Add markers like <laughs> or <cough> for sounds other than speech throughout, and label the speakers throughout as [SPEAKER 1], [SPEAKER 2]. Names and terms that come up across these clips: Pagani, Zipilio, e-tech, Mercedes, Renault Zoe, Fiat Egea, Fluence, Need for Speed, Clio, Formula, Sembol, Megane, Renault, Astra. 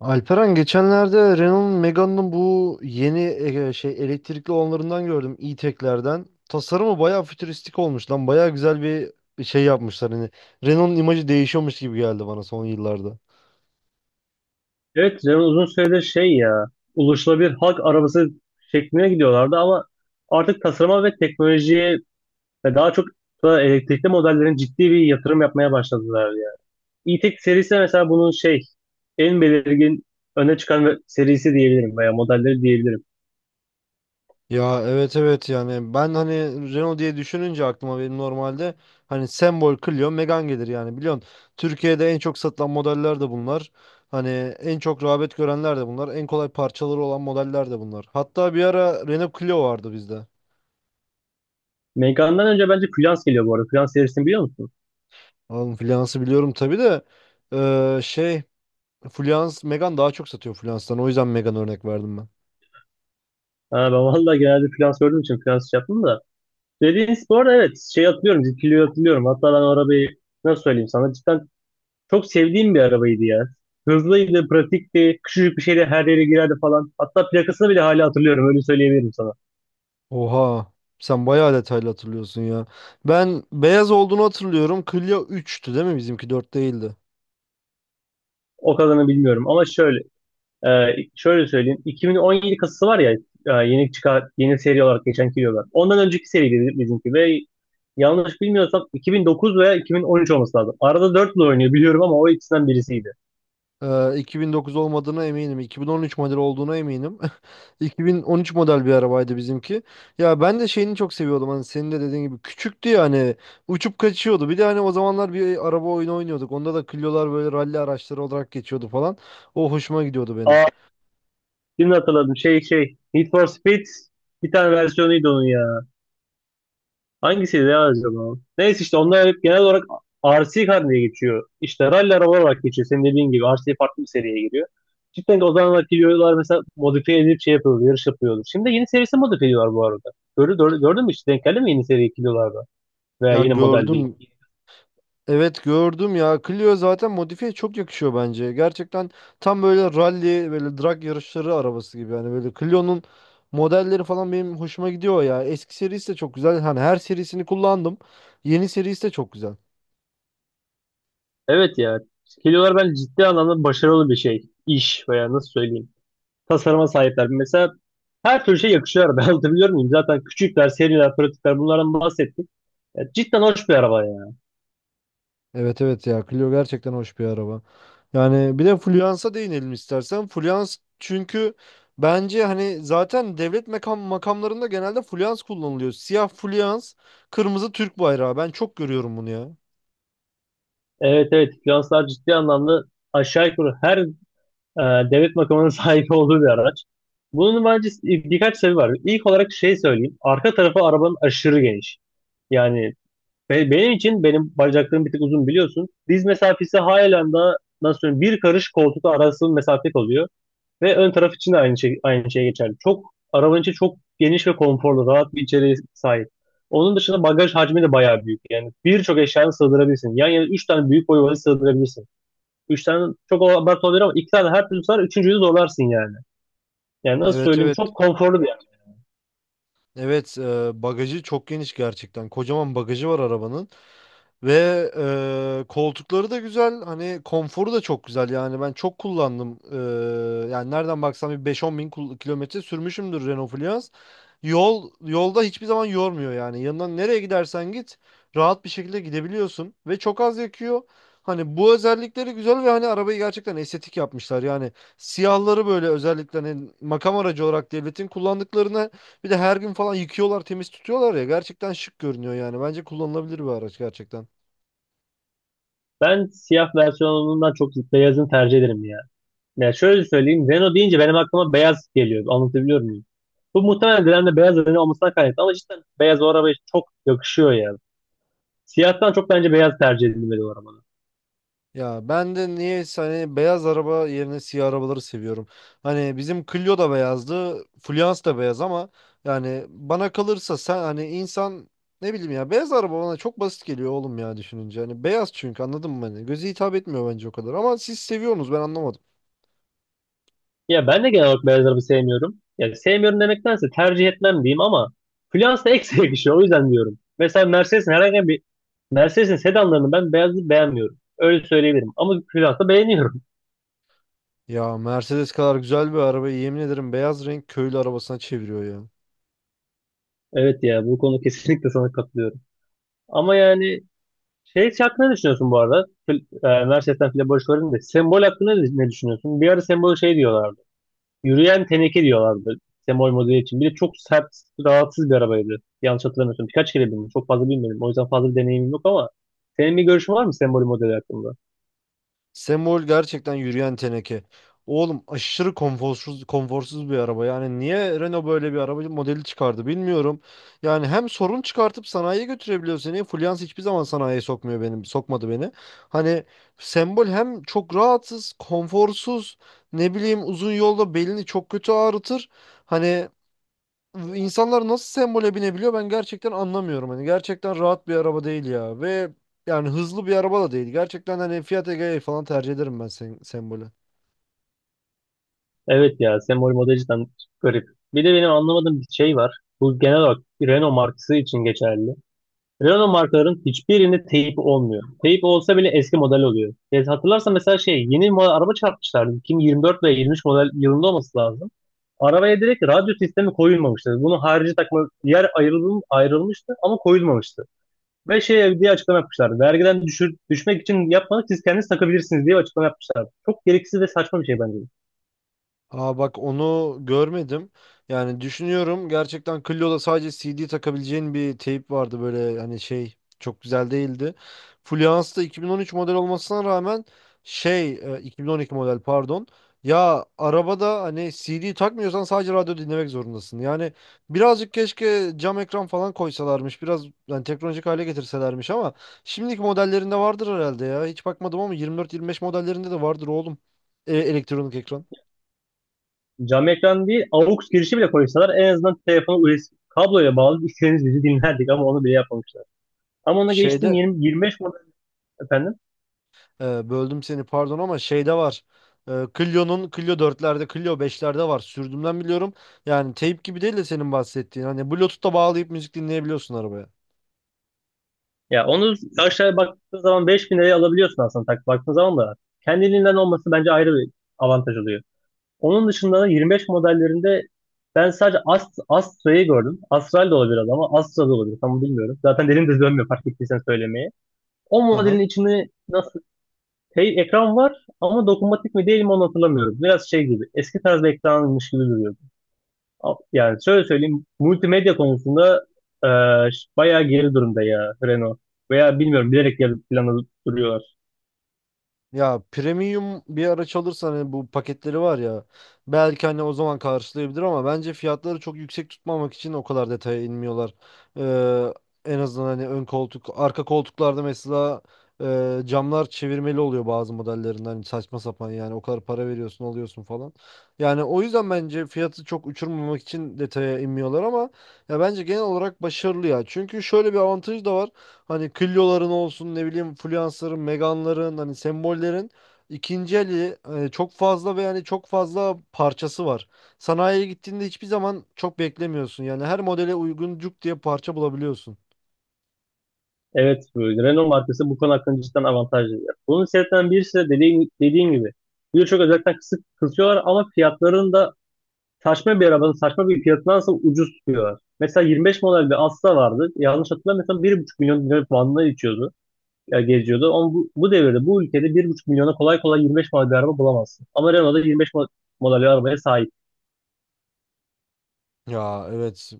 [SPEAKER 1] Alperen geçenlerde Renault'un Megane'ın bu yeni elektrikli olanlarından gördüm e-tech'lerden. Tasarımı bayağı fütüristik olmuş lan. Bayağı güzel bir şey yapmışlar hani. Renault'un imajı değişiyormuş gibi geldi bana son yıllarda.
[SPEAKER 2] Evet, Cem uzun süredir şey ya, ulaşılabilir halk arabası şekline gidiyorlardı ama artık tasarıma ve teknolojiye ve daha çok da elektrikli modellerin ciddi bir yatırım yapmaya başladılar ya. E-tech serisi mesela bunun şey, en belirgin öne çıkan serisi diyebilirim veya modelleri diyebilirim.
[SPEAKER 1] Ya, evet evet, yani ben hani Renault diye düşününce aklıma benim normalde hani sembol Clio Megane gelir, yani biliyorsun. Türkiye'de en çok satılan modeller de bunlar. Hani en çok rağbet görenler de bunlar. En kolay parçaları olan modeller de bunlar. Hatta bir ara Renault Clio vardı bizde.
[SPEAKER 2] Meggane'dan önce bence Fluence geliyor bu arada. Fluence serisini biliyor musun?
[SPEAKER 1] Oğlum Fluence'ı biliyorum tabii de eee, şey Fluence Megan daha çok satıyor Fluence'dan. O yüzden Megan örnek verdim ben.
[SPEAKER 2] Ha, ben vallahi genelde Fluence gördüğüm için Fluence şey yaptım da. Dediğiniz bu arada evet, şey hatırlıyorum, Zipilio'yu hatırlıyorum. Hatta ben o arabayı nasıl söyleyeyim sana, cidden çok sevdiğim bir arabaydı ya. Hızlıydı, pratikti, küçücük bir şeyle her yere girerdi falan. Hatta plakasını bile hala hatırlıyorum, öyle söyleyebilirim sana.
[SPEAKER 1] Oha. Sen bayağı detaylı hatırlıyorsun ya. Ben beyaz olduğunu hatırlıyorum. Clio üçtü değil mi? Bizimki 4 değildi.
[SPEAKER 2] O kadarını bilmiyorum ama e, şöyle söyleyeyim. 2017 kasası var ya, yeni çıkar, yeni seri olarak geçen diyorlar. Ondan önceki seriydi bizimki ve yanlış bilmiyorsam 2009 veya 2013 olması lazım. Arada 4 yıl oynuyor biliyorum ama o ikisinden birisiydi.
[SPEAKER 1] Ee, 2009 olmadığına eminim. 2013 model olduğuna eminim. <laughs> 2013 model bir arabaydı bizimki. Ya ben de şeyini çok seviyordum. Hani senin de dediğin gibi küçüktü ya, hani uçup kaçıyordu. Bir de hani o zamanlar bir araba oyunu oynuyorduk. Onda da Clio'lar böyle ralli araçları olarak geçiyordu falan. O hoşuma gidiyordu benim.
[SPEAKER 2] Aa, şimdi hatırladım. Need for Speed bir tane versiyonuydu onun ya. Hangisiydi ya acaba? Neyse işte onlar hep genel olarak RC kar diye geçiyor. İşte rally araba olarak geçiyor. Senin dediğin gibi RC farklı bir seriye giriyor. Cidden o zamanlar geliyorlar mesela modifiye edip şey yapıyordu, yarış yapıyordu. Şimdi yeni serisi modifiye ediyorlar bu arada. Gördün mü hiç? Denk geldi mi yeni seri kilolarda veya
[SPEAKER 1] Ya,
[SPEAKER 2] yeni model değil.
[SPEAKER 1] gördüm. Evet, gördüm ya. Clio zaten modifiye çok yakışıyor bence. Gerçekten tam böyle rally, böyle drag yarışları arabası gibi. Yani böyle Clio'nun modelleri falan benim hoşuma gidiyor ya. Eski serisi de çok güzel. Hani her serisini kullandım. Yeni serisi de çok güzel.
[SPEAKER 2] Evet ya. Kilolar bence ciddi anlamda başarılı bir şey. İş veya nasıl söyleyeyim. Tasarıma sahipler. Mesela her türlü şey yakışıyor araba. <laughs> Anlatabiliyor muyum? Zaten küçükler, seriler, pratikler bunlardan bahsettik. Ya cidden hoş bir araba ya.
[SPEAKER 1] Evet evet, ya Clio gerçekten hoş bir araba. Yani bir de Fluence'a değinelim istersen. Fluence, çünkü bence hani zaten devlet makamlarında genelde Fluence kullanılıyor. Siyah Fluence, kırmızı Türk bayrağı. Ben çok görüyorum bunu ya.
[SPEAKER 2] Evet evet finanslar ciddi anlamda aşağı yukarı her devlet makamının <laughs> sahip olduğu bir araç. Bunun bence birkaç sebebi var. İlk olarak şey söyleyeyim. Arka tarafı arabanın aşırı geniş. Yani benim için benim bacaklarım bir tık uzun biliyorsun. Diz mesafesi halen daha nasıl söyleyeyim bir karış koltuk arası mesafe kalıyor. Ve ön taraf için de aynı şey geçerli. Çok arabanın içi çok geniş ve konforlu, rahat bir içeriğe sahip. Onun dışında bagaj hacmi de bayağı büyük. Yani birçok eşyanı sığdırabilirsin. Yan yana 3 tane büyük boy valiz sığdırabilirsin. 3 tane çok abartı olabilir ama 2 tane her türlü sığar, üçüncüyü zorlarsın yani. Yani nasıl
[SPEAKER 1] Evet
[SPEAKER 2] söyleyeyim
[SPEAKER 1] evet.
[SPEAKER 2] çok konforlu bir yer.
[SPEAKER 1] Evet, bagajı çok geniş gerçekten. Kocaman bagajı var arabanın. Ve koltukları da güzel. Hani konforu da çok güzel. Yani ben çok kullandım. Yani nereden baksam bir beş on bin kilometre sürmüşümdür Renault Fluence. Yolda hiçbir zaman yormuyor yani. Yanından nereye gidersen git rahat bir şekilde gidebiliyorsun. Ve çok az yakıyor. Hani bu özellikleri güzel ve hani arabayı gerçekten estetik yapmışlar. Yani siyahları böyle özellikle hani makam aracı olarak devletin kullandıklarını bir de her gün falan yıkıyorlar, temiz tutuyorlar ya. Gerçekten şık görünüyor yani. Bence kullanılabilir bir araç gerçekten.
[SPEAKER 2] Ben siyah versiyonundan çok beyazını tercih ederim yani. Yani şöyle söyleyeyim Renault deyince benim aklıma beyaz geliyor. Anlatabiliyor muyum? Bu muhtemelen Dilan'da beyaz Renault olmasına kaynaklı ama cidden beyaz o arabaya çok yakışıyor ya. Siyahtan çok bence beyaz tercih edilmeli o arabada.
[SPEAKER 1] Ya ben de niye hani beyaz araba yerine siyah arabaları seviyorum. Hani bizim Clio da beyazdı, Fluence da beyaz, ama yani bana kalırsa sen hani insan ne bileyim ya, beyaz araba bana çok basit geliyor oğlum ya, düşününce. Hani beyaz, çünkü anladın mı hani? Göze hitap etmiyor bence o kadar, ama siz seviyorsunuz, ben anlamadım.
[SPEAKER 2] Ya ben de genel olarak beyaz araba sevmiyorum. Ya sevmiyorum demektense tercih etmem diyeyim ama Fluence da eksi <laughs> yakışıyor. O yüzden diyorum. Mesela Mercedes'in herhangi bir Mercedes'in sedanlarını ben beyazı beğenmiyorum. Öyle söyleyebilirim. Ama Fluence'ı beğeniyorum. <laughs>
[SPEAKER 1] Ya Mercedes kadar güzel bir arabayı yemin ederim beyaz renk köylü arabasına çeviriyor ya.
[SPEAKER 2] Evet ya bu konu kesinlikle sana katılıyorum. Ama yani şey hakkında ne düşünüyorsun bu arada? Mercedes'ten Fila Barış Varın da sembol hakkında ne düşünüyorsun? Bir ara sembol şey diyorlar. Yürüyen teneke diyorlardı. Semol modeli için. Bir de çok sert, rahatsız bir arabaydı. Yanlış hatırlamıyorsam. Birkaç kere bindim. Çok fazla bilmedim. O yüzden fazla bir deneyimim yok ama senin bir görüşün var mı Sembol modeli hakkında?
[SPEAKER 1] Semol gerçekten yürüyen teneke. Oğlum aşırı konforsuz, konforsuz bir araba. Yani niye Renault böyle bir araba modeli çıkardı bilmiyorum. Yani hem sorun çıkartıp sanayiye götürebiliyor seni. Fluence hiçbir zaman sanayiye sokmuyor benim, sokmadı beni. Hani Sembol hem çok rahatsız, konforsuz, ne bileyim uzun yolda belini çok kötü ağrıtır. Hani İnsanlar nasıl sembole binebiliyor ben gerçekten anlamıyorum. Hani gerçekten rahat bir araba değil ya. Ve yani hızlı bir araba da değil. Gerçekten hani Fiat Egea falan tercih ederim ben sen, sembole.
[SPEAKER 2] Evet ya Sembol modeli cidden garip. Bir de benim anlamadığım bir şey var. Bu genel olarak Renault markası için geçerli. Renault markaların hiçbirinde teyip olmuyor. Teyip olsa bile eski model oluyor. Hatırlarsan mesela şey yeni model araba çarpmışlardı. 2024 veya 23 model yılında olması lazım. Arabaya direkt radyo sistemi koyulmamıştı. Bunun harici takma yer ayrılmıştı ama koyulmamıştı. Ve şey diye açıklama yapmışlardı. Vergiden düşmek için yapmadık siz kendiniz takabilirsiniz diye açıklama yapmışlardı. Çok gereksiz ve saçma bir şey bence.
[SPEAKER 1] Aa, bak onu görmedim. Yani düşünüyorum, gerçekten Clio'da sadece CD takabileceğin bir teyp vardı, böyle hani şey, çok güzel değildi. Fluence da 2013 model olmasına rağmen 2012 model pardon. Ya arabada hani CD takmıyorsan sadece radyo dinlemek zorundasın. Yani birazcık keşke cam ekran falan koysalarmış. Biraz yani teknolojik hale getirselermiş ama şimdiki modellerinde vardır herhalde ya. Hiç bakmadım ama 24-25 modellerinde de vardır oğlum. Elektronik ekran.
[SPEAKER 2] Cam ekran değil AUX girişi bile koysalar en azından telefonu USB kabloyla bağlı istediğiniz bizi dinlerdik ama onu bile yapmamışlar. Ama ona geçtim
[SPEAKER 1] Şeyde
[SPEAKER 2] 20, 25 model efendim.
[SPEAKER 1] Böldüm seni, pardon, ama şeyde var. Clio 4'lerde, Clio 5'lerde var. Sürdüğümden biliyorum. Yani teyp gibi değil de senin bahsettiğin. Hani Bluetooth'ta bağlayıp müzik dinleyebiliyorsun arabaya.
[SPEAKER 2] Ya onu aşağıya baktığın zaman 5.000 liraya alabiliyorsun aslında tak baktığın zaman da. Kendiliğinden olması bence ayrı bir avantaj oluyor. Onun dışında da 25 modellerinde ben sadece Astra'yı gördüm. Astral de olabilir ama Astra da olabilir. Tam bilmiyorum. Zaten dilim de dönmüyor fark ettiysen söylemeye. O
[SPEAKER 1] Aha.
[SPEAKER 2] modelin içinde nasıl hey, ekran var ama dokunmatik mi değil mi onu hatırlamıyorum. Biraz şey gibi eski tarz bir ekranmış gibi duruyor. Yani şöyle söyleyeyim, multimedya konusunda e, bayağı geri durumda ya Renault. Veya bilmiyorum bilerek geri plana duruyorlar.
[SPEAKER 1] Ya premium bir araç alırsan hani bu paketleri var ya, belki hani o zaman karşılayabilir, ama bence fiyatları çok yüksek tutmamak için o kadar detaya inmiyorlar. Ee, En azından hani ön koltuk, arka koltuklarda mesela camlar çevirmeli oluyor bazı modellerinden, hani saçma sapan yani, o kadar para veriyorsun alıyorsun falan. Yani o yüzden bence fiyatı çok uçurmamak için detaya inmiyorlar ama ya bence genel olarak başarılı ya. Çünkü şöyle bir avantajı da var. Hani Clio'ların olsun, ne bileyim Fluence'ların, Megane'ların, hani sembollerin ikinci eli çok fazla ve yani çok fazla parçası var. Sanayiye gittiğinde hiçbir zaman çok beklemiyorsun. Yani her modele uygun cuk diye parça bulabiliyorsun.
[SPEAKER 2] Evet, böyle Renault markası bu konu hakkında cidden avantajlı. Bunun sebeplerinden birisi de dediğim gibi birçok özellikten kısıyorlar ama fiyatlarını da saçma bir arabanın saçma bir fiyatındansa ucuz tutuyorlar. Mesela 25 model bir Asla vardı. Yanlış hatırlamıyorsam 1,5 milyon lira bandına içiyordu, ya geziyordu. Ama bu devirde bu ülkede 1,5 milyona kolay kolay 25 model bir araba bulamazsın. Ama Renault'da 25 model bir arabaya sahip.
[SPEAKER 1] Ya evet,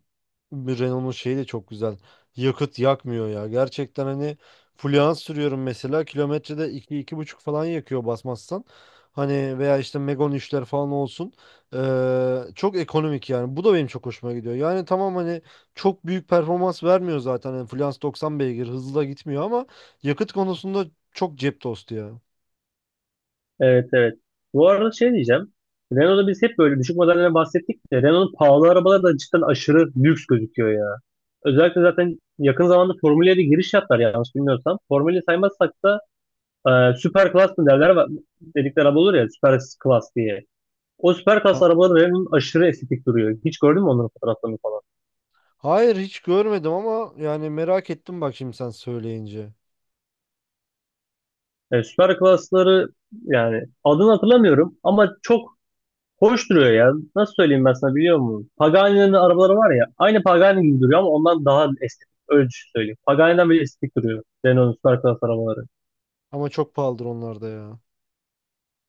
[SPEAKER 1] bir Renault'un şeyi de çok güzel. Yakıt yakmıyor ya. Gerçekten hani fluans sürüyorum mesela. Kilometrede iki iki buçuk falan yakıyor basmazsan. Hani veya işte Megane 3'ler falan olsun. Çok ekonomik yani. Bu da benim çok hoşuma gidiyor. Yani tamam hani çok büyük performans vermiyor zaten. Yani fluans 90 beygir, hızlı da gitmiyor ama yakıt konusunda çok cep tostu ya.
[SPEAKER 2] Evet evet. Bu arada şey diyeceğim. Renault'da biz hep böyle düşük modellerden bahsettik de Renault'un pahalı arabaları da cidden aşırı lüks gözüküyor ya. Özellikle zaten yakın zamanda Formula'ya da giriş yaptılar yanlış bilmiyorsam. Formula'yı saymazsak da süper klas mı derler dedikleri araba olur ya süper klas diye. O süper klas
[SPEAKER 1] Ha-
[SPEAKER 2] arabaları Renault'un aşırı estetik duruyor. Hiç gördün mü onların fotoğraflarını falan?
[SPEAKER 1] Hayır, hiç görmedim ama yani merak ettim bak şimdi sen söyleyince.
[SPEAKER 2] Süper Klasları yani adını hatırlamıyorum ama çok hoş duruyor ya. Nasıl söyleyeyim ben sana biliyor musun? Pagani'nin arabaları var ya aynı Pagani gibi duruyor ama ondan daha estetik. Öyle söyleyeyim. Pagani'den bile estetik duruyor. Renault'un Süper Klas arabaları.
[SPEAKER 1] Ama çok pahalıdır onlar da ya.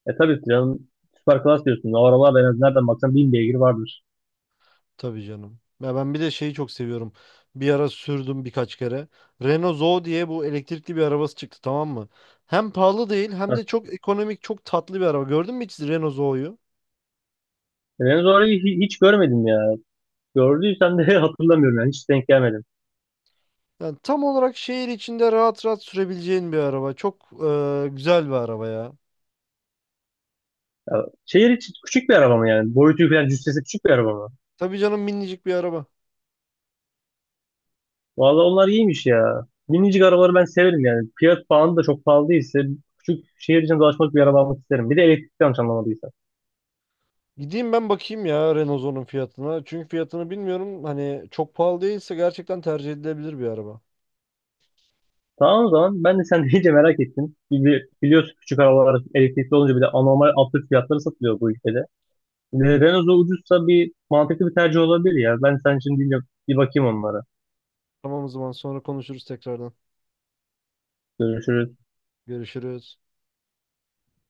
[SPEAKER 2] E tabii ki canım Süper Klas diyorsun. O arabalar en az nereden baksan 1.000 beygir vardır.
[SPEAKER 1] Tabii canım. Ya ben bir de şeyi çok seviyorum. Bir ara sürdüm birkaç kere. Renault Zoe diye bu elektrikli bir arabası çıktı, tamam mı? Hem pahalı değil hem
[SPEAKER 2] Heh.
[SPEAKER 1] de çok ekonomik, çok tatlı bir araba. Gördün mü hiç Renault Zoe'yu?
[SPEAKER 2] Renault'u orayı hiç görmedim ya. Gördüysem de <laughs> hatırlamıyorum yani hiç denk gelmedim.
[SPEAKER 1] Yani tam olarak şehir içinde rahat rahat sürebileceğin bir araba. Çok güzel bir araba ya.
[SPEAKER 2] Ya, şehir için küçük bir araba mı yani? Boyutu falan cüssesi küçük bir araba mı?
[SPEAKER 1] Tabii canım, minicik bir araba.
[SPEAKER 2] Valla onlar iyiymiş ya. Minicik arabaları ben severim yani. Fiyat pahalı da çok pahalı değilse küçük şehir için dolaşmak bir araba almak isterim. Bir de elektrikli yanlış anlamadıysa.
[SPEAKER 1] Gideyim ben bakayım ya Renault Zoe'nun fiyatına. Çünkü fiyatını bilmiyorum. Hani çok pahalı değilse gerçekten tercih edilebilir bir araba.
[SPEAKER 2] Tamam o zaman ben de sen <laughs> deyince merak ettim. Biliyorsun küçük arabalar elektrikli olunca bir de anormal absürt fiyatları satılıyor bu ülkede. Bir de Renault'u ucuzsa bir mantıklı bir tercih olabilir ya. Ben sen şimdi bir bakayım onlara.
[SPEAKER 1] Tamam, o zaman sonra konuşuruz tekrardan.
[SPEAKER 2] Görüşürüz.
[SPEAKER 1] Görüşürüz.